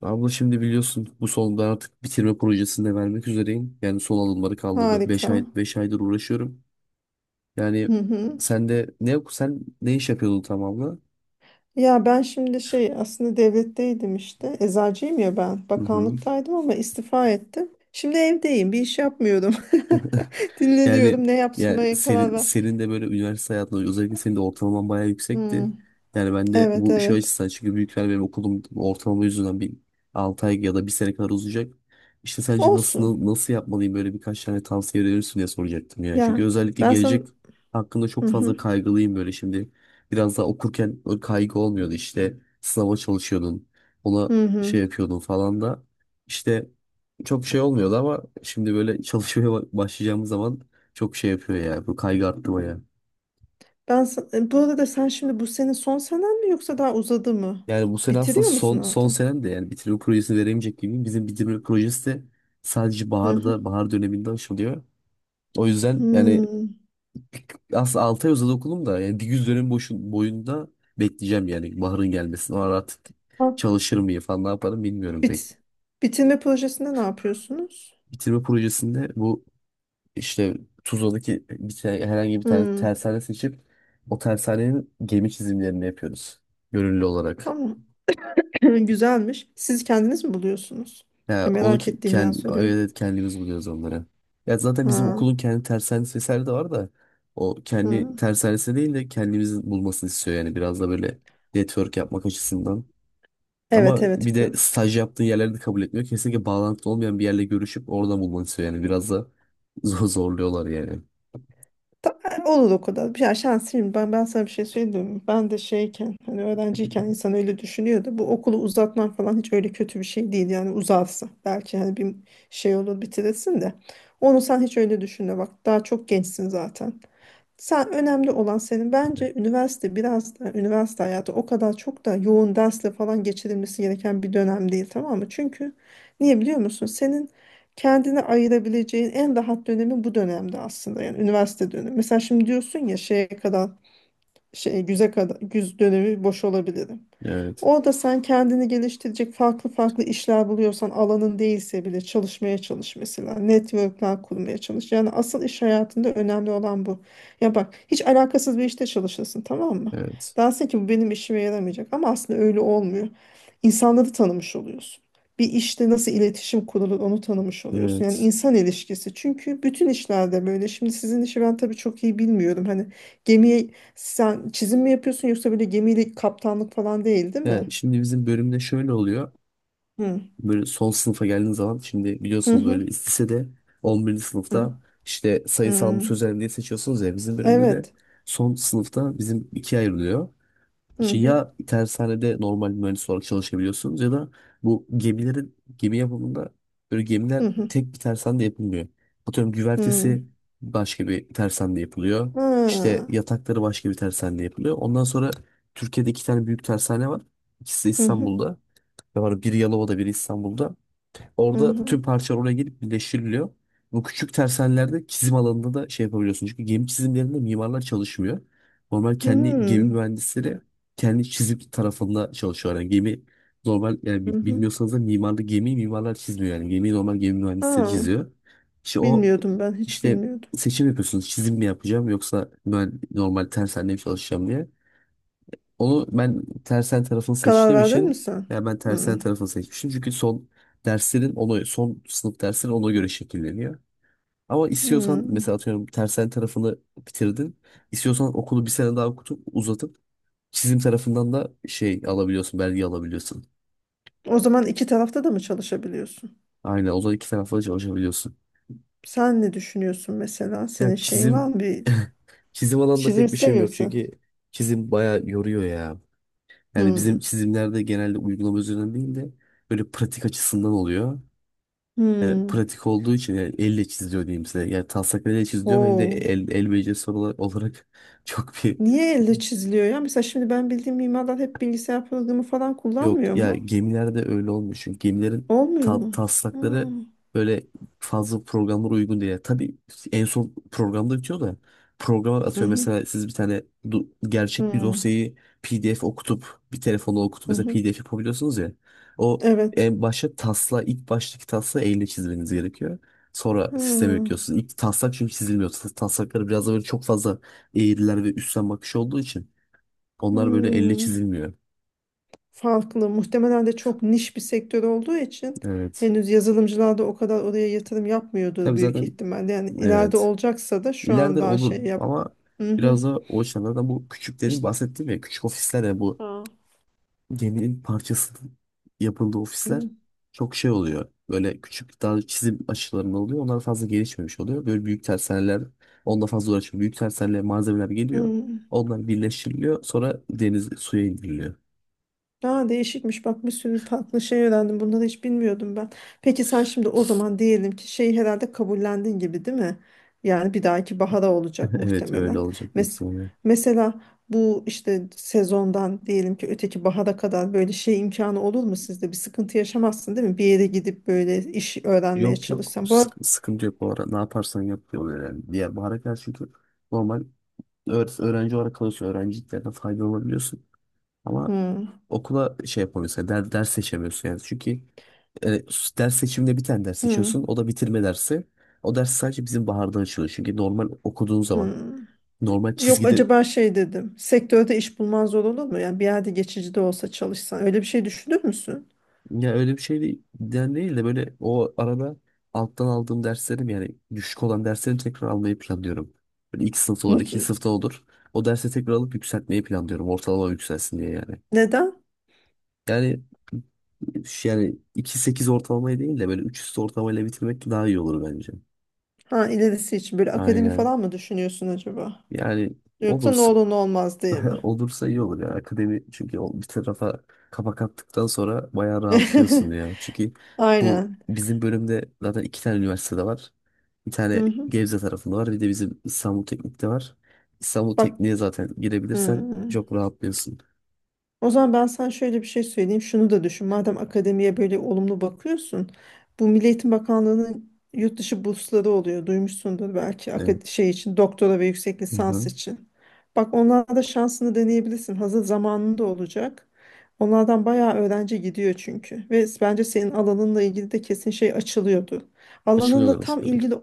Abla şimdi biliyorsun bu solu ben artık bitirme projesinde vermek üzereyim. Yani son alımları kaldı. beş Harika. ay beş aydır uğraşıyorum. Yani Hı hı. Sen ne iş yapıyordun tamamla? Ya ben şimdi şey aslında devletteydim işte. Eczacıyım ya ben. Hı hı. Bakanlıktaydım ama istifa ettim. Şimdi evdeyim. Bir iş yapmıyorum. Yani Dinleniyorum. Ne ya yapmaya karar senin, ver. senin de böyle üniversite hayatında özellikle senin de ortalaman bayağı Hmm. yüksekti. Yani ben de Evet, bu şey evet. açısından, çünkü büyükler benim okulum ortalama yüzünden bir 6 ay ya da bir sene kadar uzayacak. İşte sence nasıl Olsun. nasıl yapmalıyım böyle, birkaç tane tavsiye verirsin diye soracaktım yani. Çünkü Ya özellikle ben sana... gelecek hakkında Hı çok fazla hı. kaygılıyım böyle şimdi. Biraz daha okurken o kaygı olmuyordu, işte sınava çalışıyordun, ona Hı şey hı. yapıyordun falan da, işte çok şey olmuyordu, ama şimdi böyle çalışmaya başlayacağımız zaman çok şey yapıyor ya. Bu kaygı arttı bayağı. Bu arada sen şimdi bu senin son senen mi yoksa daha uzadı mı? Yani bu sene aslında Bitiriyor musun son artık? senem de, yani bitirme projesini veremeyecek gibi. Bizim bitirme projesi de sadece Hı hı. Bahar döneminde açılıyor. O yüzden yani Hmm. aslında 6 ay uzadı okulum da, yani bir yüz dönem boyunda bekleyeceğim yani baharın gelmesini. O ara artık Ha. çalışır mıyım falan, ne yaparım bilmiyorum pek. Bit. Bitirme projesinde ne yapıyorsunuz? Bitirme projesinde bu, işte Tuzla'daki herhangi bir tane Hmm. tersane seçip o tersanenin gemi çizimlerini yapıyoruz. Gönüllü olarak. Tamam. Güzelmiş. Siz kendiniz mi buluyorsunuz? Ya Ya onu merak ettiğimden evet soruyorum. evet, kendimiz buluyoruz onları. Ya zaten bizim Ha. okulun kendi tersanesi vesaire de var da, o kendi Hı. tersanesi değil de kendimizin bulmasını istiyor yani, biraz da böyle network yapmak açısından. Ama Evet, evet. bir de staj yaptığın yerleri de kabul etmiyor. Kesinlikle bağlantılı olmayan bir yerle görüşüp oradan bulmanı istiyor yani, biraz da zorluyorlar yani. Ta- Olur o kadar. Ya şanslıyım. Ben sana bir şey söyleyeyim mi? Ben de şeyken hani öğrenciyken insan öyle düşünüyordu. Bu okulu uzatman falan hiç öyle kötü bir şey değil. Yani uzarsa belki hani bir şey olur, bitirirsin de. Onu sen hiç öyle düşünme. Bak daha çok gençsin zaten. Sen önemli olan senin bence üniversite biraz da üniversite hayatı o kadar çok da yoğun dersle falan geçirilmesi gereken bir dönem değil, tamam mı? Çünkü niye biliyor musun? Senin kendine ayırabileceğin en rahat dönemi bu dönemde aslında, yani üniversite dönemi. Mesela şimdi diyorsun ya şeye kadar şey güze kadar güz dönemi boş olabilirim. Evet, Orada sen kendini geliştirecek farklı farklı işler buluyorsan alanın değilse bile çalışmaya çalış mesela. Networkler kurmaya çalış. Yani asıl iş hayatında önemli olan bu. Ya bak, hiç alakasız bir işte çalışırsın, tamam mı? evet, Dersin ki bu benim işime yaramayacak, ama aslında öyle olmuyor. İnsanları tanımış oluyorsun. Bir işte nasıl iletişim kurulur onu tanımış oluyorsun. Yani evet. insan ilişkisi. Çünkü bütün işlerde böyle. Şimdi sizin işi ben tabii çok iyi bilmiyorum. Hani gemiye sen çizim mi yapıyorsun yoksa böyle gemiyle kaptanlık falan değil Ya mi? şimdi bizim bölümde şöyle oluyor. Hı Böyle son sınıfa geldiğiniz zaman, şimdi hı. biliyorsunuz Hı böyle lisede 11. hı. sınıfta işte sayısal mı Hı. sözel mi diye seçiyorsunuz ya, bizim bölümde de Evet. son sınıfta bizim ikiye ayrılıyor. Hı İşte hı. ya tersanede normal mühendis olarak çalışabiliyorsunuz ya da bu gemilerin gemi yapımında, böyle gemiler Hı hı. tek bir tersanede yapılmıyor. Atıyorum Hı. güvertesi başka bir tersanede yapılıyor. İşte Ha. yatakları başka bir tersanede yapılıyor. Ondan sonra Türkiye'de 2 tane büyük tersane var. İkisi de Hı hı. İstanbul'da. Ve var biri Yalova'da biri İstanbul'da. Hı Orada hı. tüm parçalar oraya gelip birleştiriliyor. Bu küçük tersanelerde çizim alanında da şey yapabiliyorsun. Çünkü gemi çizimlerinde mimarlar çalışmıyor. Normal kendi gemi Hı. mühendisleri kendi çizim tarafında çalışıyor. Yani gemi normal, yani Hı hı. bilmiyorsanız da mimarlı gemiyi mimarlar çizmiyor yani. Gemiyi normal gemi mühendisleri Ha. çiziyor. İşte o, Bilmiyordum, ben hiç işte bilmiyordum. seçim yapıyorsunuz. Çizim mi yapacağım yoksa ben normal tersanede mi çalışacağım diye. Onu ben tersen tarafını Karar seçtiğim verdin mi için, sen? yani ben tersen Hı. tarafını seçmiştim. Çünkü son sınıf derslerin ona göre şekilleniyor. Ama Hı. istiyorsan mesela atıyorum tersen tarafını bitirdin. İstiyorsan okulu bir sene daha okutup uzatıp çizim tarafından da belge alabiliyorsun. O zaman iki tarafta da mı çalışabiliyorsun? Aynen, o da iki tarafla çalışabiliyorsun. Sen ne düşünüyorsun mesela? Senin Yani şeyin var çizim mı? Bir çizim alanında çizim pek bir şeyim istemiyor yok, musun? çünkü çizim bayağı yoruyor ya. Yani bizim Hı. çizimlerde genelde uygulama üzerinden değil de böyle pratik açısından oluyor. Yani Hı. pratik olduğu için, yani elle çiziliyor diyeyim size. Yani taslaklarıyla çiziliyor. Benim de Oo. el becerisi olarak çok bir... Niye elle çiziliyor ya? Mesela şimdi ben bildiğim mimarlar hep bilgisayar programı falan Yok kullanmıyor ya, mu? gemilerde öyle olmuyor. Çünkü gemilerin Olmuyor mu? taslakları Hmm. böyle fazla programlara uygun değil. Yani tabii en son programda bitiyor da programa Hı atıyor. hı. Mesela siz bir tane Hı gerçek bir hı. dosyayı PDF okutup, bir telefonla okutup mesela Hı. PDF yapabiliyorsunuz ya. O Evet. en başta ilk baştaki tasla elle çizmeniz gerekiyor. Sonra sisteme Hı. yüklüyorsunuz. İlk taslak çünkü çizilmiyor. Taslakları biraz da böyle çok fazla eğriler ve üstten bakış olduğu için onlar böyle elle Hı. çizilmiyor. Farklı. Muhtemelen de çok niş bir sektör olduğu için Evet. henüz yazılımcılar da o kadar oraya yatırım yapmıyordur Tabii büyük zaten. ihtimalle. Yani ileride Evet. olacaksa da şu an İleride daha olur şey yap. ama Hı hı. biraz da o açıdan da bu küçüklerin İşte. bahsettiğim, ya küçük ofisler ya bu Ha. geminin parçasının yapıldığı ofisler, Hı. çok şey oluyor. Böyle küçük daha çizim aşılarında oluyor. Onlar fazla gelişmemiş oluyor. Böyle büyük tersaneler onunla fazla uğraşmıyor. Büyük tersanelere malzemeler geliyor. Hı. Onlar birleştiriliyor. Sonra deniz suya indiriliyor. Aa, değişikmiş, bak bir sürü farklı şey öğrendim. Bunları hiç bilmiyordum ben. Peki sen şimdi o zaman diyelim ki şeyi herhalde kabullendin gibi, değil mi? Yani bir dahaki bahara olacak Evet, öyle muhtemelen. olacak büyük Mes ihtimalle. mesela bu işte sezondan diyelim ki öteki bahara kadar böyle şey imkanı olur mu sizde? Bir sıkıntı yaşamazsın değil mi? Bir yere gidip böyle iş öğrenmeye Yok yok, çalışsan. Bu sıkıntı yok bu ara. Ne yaparsan yap diyorlar yani. Diğer bahara karşı, çünkü normal öğrenci olarak kalıyorsun. Öğrenciliklerden faydalanabiliyorsun. Ama Hmm. okula şey yapamıyorsun, yani ders seçemiyorsun yani. Çünkü e, ders seçiminde bir tane ders seçiyorsun. Hmm. O da bitirme dersi. O ders sadece bizim baharda açılıyor. Çünkü normal okuduğun zaman Hmm. normal Yok, çizgide, acaba şey dedim. Sektörde iş bulman zor olur mu? Yani bir yerde geçici de olsa çalışsan. Öyle bir şey düşünür müsün? ya öyle bir şey değil, yani değil de böyle o arada alttan aldığım derslerim yani düşük olan derslerimi tekrar almayı planlıyorum. Böyle ilk sınıfta olur, ikinci sınıfta olur. O dersi tekrar alıp yükseltmeyi planlıyorum. Ortalama yükselsin diye yani. Neden? Yani Yani iki sekiz ortalamayı değil de böyle 3 üstü ortalamayla bitirmek daha iyi olur bence. Ha, ilerisi için böyle akademi Aynen. falan mı düşünüyorsun acaba? Yani Yoksa ne olursa olur ne olmaz diye mi? olursa iyi olur ya. Akademi çünkü o bir tarafa kapak attıktan sonra bayağı rahatlıyorsun ya. Çünkü bu Aynen. bizim bölümde zaten 2 tane üniversitede var. Bir tane Hı hı. Gebze tarafında var. Bir de bizim İstanbul Teknik'te var. İstanbul Bak. Teknik'e zaten Hı. girebilirsen çok rahatlıyorsun. O zaman ben sana şöyle bir şey söyleyeyim. Şunu da düşün. Madem akademiye böyle olumlu bakıyorsun. Bu Milli Eğitim Bakanlığı'nın yurt dışı bursları oluyor. Duymuşsundur belki, Evet. şey için, doktora ve yüksek Hı lisans hı. için. Bak onlarda şansını deneyebilirsin. Hazır zamanında olacak. Onlardan bayağı öğrenci gidiyor çünkü. Ve bence senin alanınla ilgili de kesin şey açılıyordu. Açılıyorlar, Alanınla tam açılıyorlar. ilgili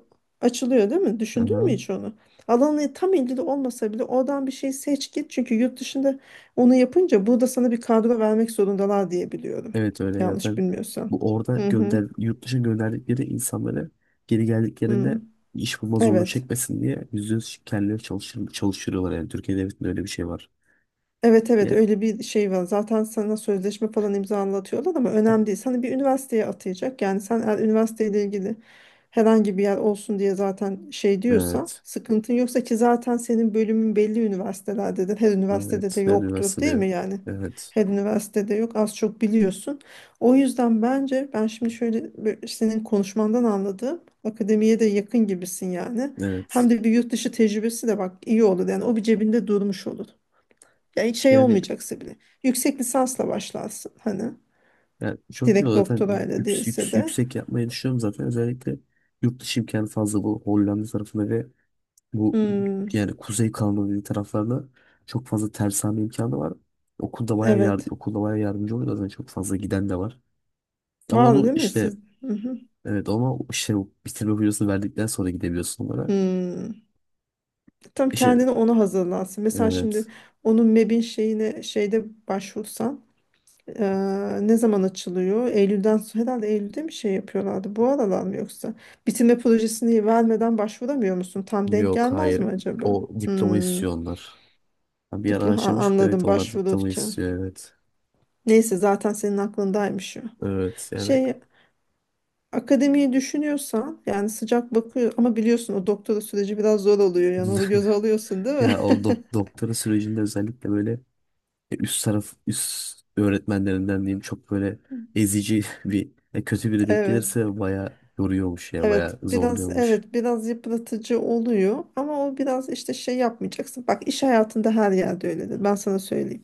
açılıyor, değil mi? Hı Düşündün mü hı. hiç onu? Alanı tam ilgili olmasa bile oradan bir şey seç git. Çünkü yurt dışında onu yapınca burada sana bir kadro vermek zorundalar diye biliyorum. Evet, öyle ya. Yanlış Zaten bilmiyorsam. bu orada Hı hı. Yurt dışına gönderdikleri insanları geri geldiklerinde Hı. iş bulma zorluğu Evet. çekmesin diye %100 kendileri çalıştırıyorlar yani. Türkiye Devleti'nde öyle bir şey var. Evet, Yani, öyle bir şey var. Zaten sana sözleşme falan imzalatıyorlar ama önemli değil. Sana bir üniversiteye atayacak. Yani sen eğer üniversiteyle ilgili herhangi bir yer olsun diye zaten şey diyorsa, evet. sıkıntın yoksa, ki zaten senin bölümün belli üniversitelerdedir. Her üniversitede Evet. de Her yoktur üniversite değil diyor. mi yani? Evet. Her üniversitede yok, az çok biliyorsun. O yüzden bence ben şimdi şöyle bir- senin konuşmandan anladığım akademiye de yakın gibisin yani. Hem Evet. de bir yurt dışı tecrübesi de, bak iyi olur yani, o bir cebinde durmuş olur. Ya hiç şey Yani, olmayacaksa bile. Yüksek lisansla başlarsın hani. yani çok iyi Direkt zaten doktorayla değilse yüksek, de. yüksek yapmayı düşünüyorum zaten, özellikle yurt dışı imkanı fazla bu Hollanda tarafında ve Bu Hmm, yani Kuzey Kanada dediği taraflarda çok fazla tersane imkanı var. Okulda bayağı yar evet. okulda bayağı yardımcı oluyor zaten, çok fazla giden de var. Ama Var onu değil mi işte, siz? Hı hı. evet, ama işte bu bitirme videosunu verdikten sonra gidebiliyorsun onlara. Hmm. Tam İşte, kendini ona hazırlansın. Mesela şimdi evet, onun MEB'in şeyine şeyde başvursan ne zaman açılıyor? Eylül'den sonra herhalde, Eylül'de mi şey yapıyorlardı? Bu aralar mı yoksa? Bitirme projesini vermeden başvuramıyor musun? Tam denk yok, gelmez mi hayır, acaba? o diploma Hmm. istiyor onlar. Ben bir ara Diploma, araştırmış, evet, anladım, onlar diploma başvururken. istiyor, evet. Neyse zaten senin aklındaymış o. Evet yani Şey, akademiyi düşünüyorsan yani sıcak bakıyor, ama biliyorsun o doktora süreci biraz zor oluyor, yani onu göze alıyorsun değil mi? ya o doktora sürecinde özellikle böyle üst öğretmenlerinden diyeyim, çok böyle ezici bir kötü biri denk Evet. gelirse bayağı yoruyormuş ya, Evet bayağı biraz zorluyormuş. evet biraz yıpratıcı oluyor, ama o biraz işte şey yapmayacaksın. Bak iş hayatında her yerde öyledir, ben sana söyleyeyim.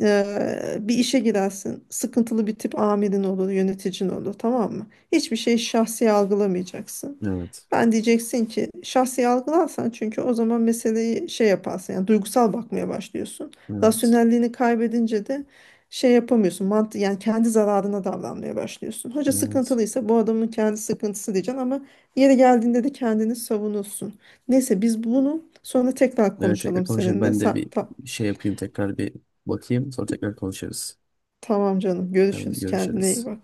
Bir işe girersin, sıkıntılı bir tip amirin olur, yöneticin olur, tamam mı? Hiçbir şeyi şahsi algılamayacaksın. Evet. Ben diyeceksin ki, şahsi algılarsan çünkü o zaman meseleyi şey yaparsın, yani duygusal bakmaya başlıyorsun. Evet. Rasyonelliğini kaybedince de şey yapamıyorsun, mantı yani, kendi zararına davranmaya başlıyorsun. Hoca Evet. sıkıntılıysa bu adamın kendi sıkıntısı diyeceksin, ama yeri geldiğinde de kendini savunursun. Neyse biz bunu sonra tekrar Evet, tekrar konuşalım konuşalım. seninle. Ben de bir şey yapayım, tekrar bir bakayım, sonra tekrar konuşuruz. Tamam canım, Tamam, görüşürüz, kendine iyi görüşürüz. bak.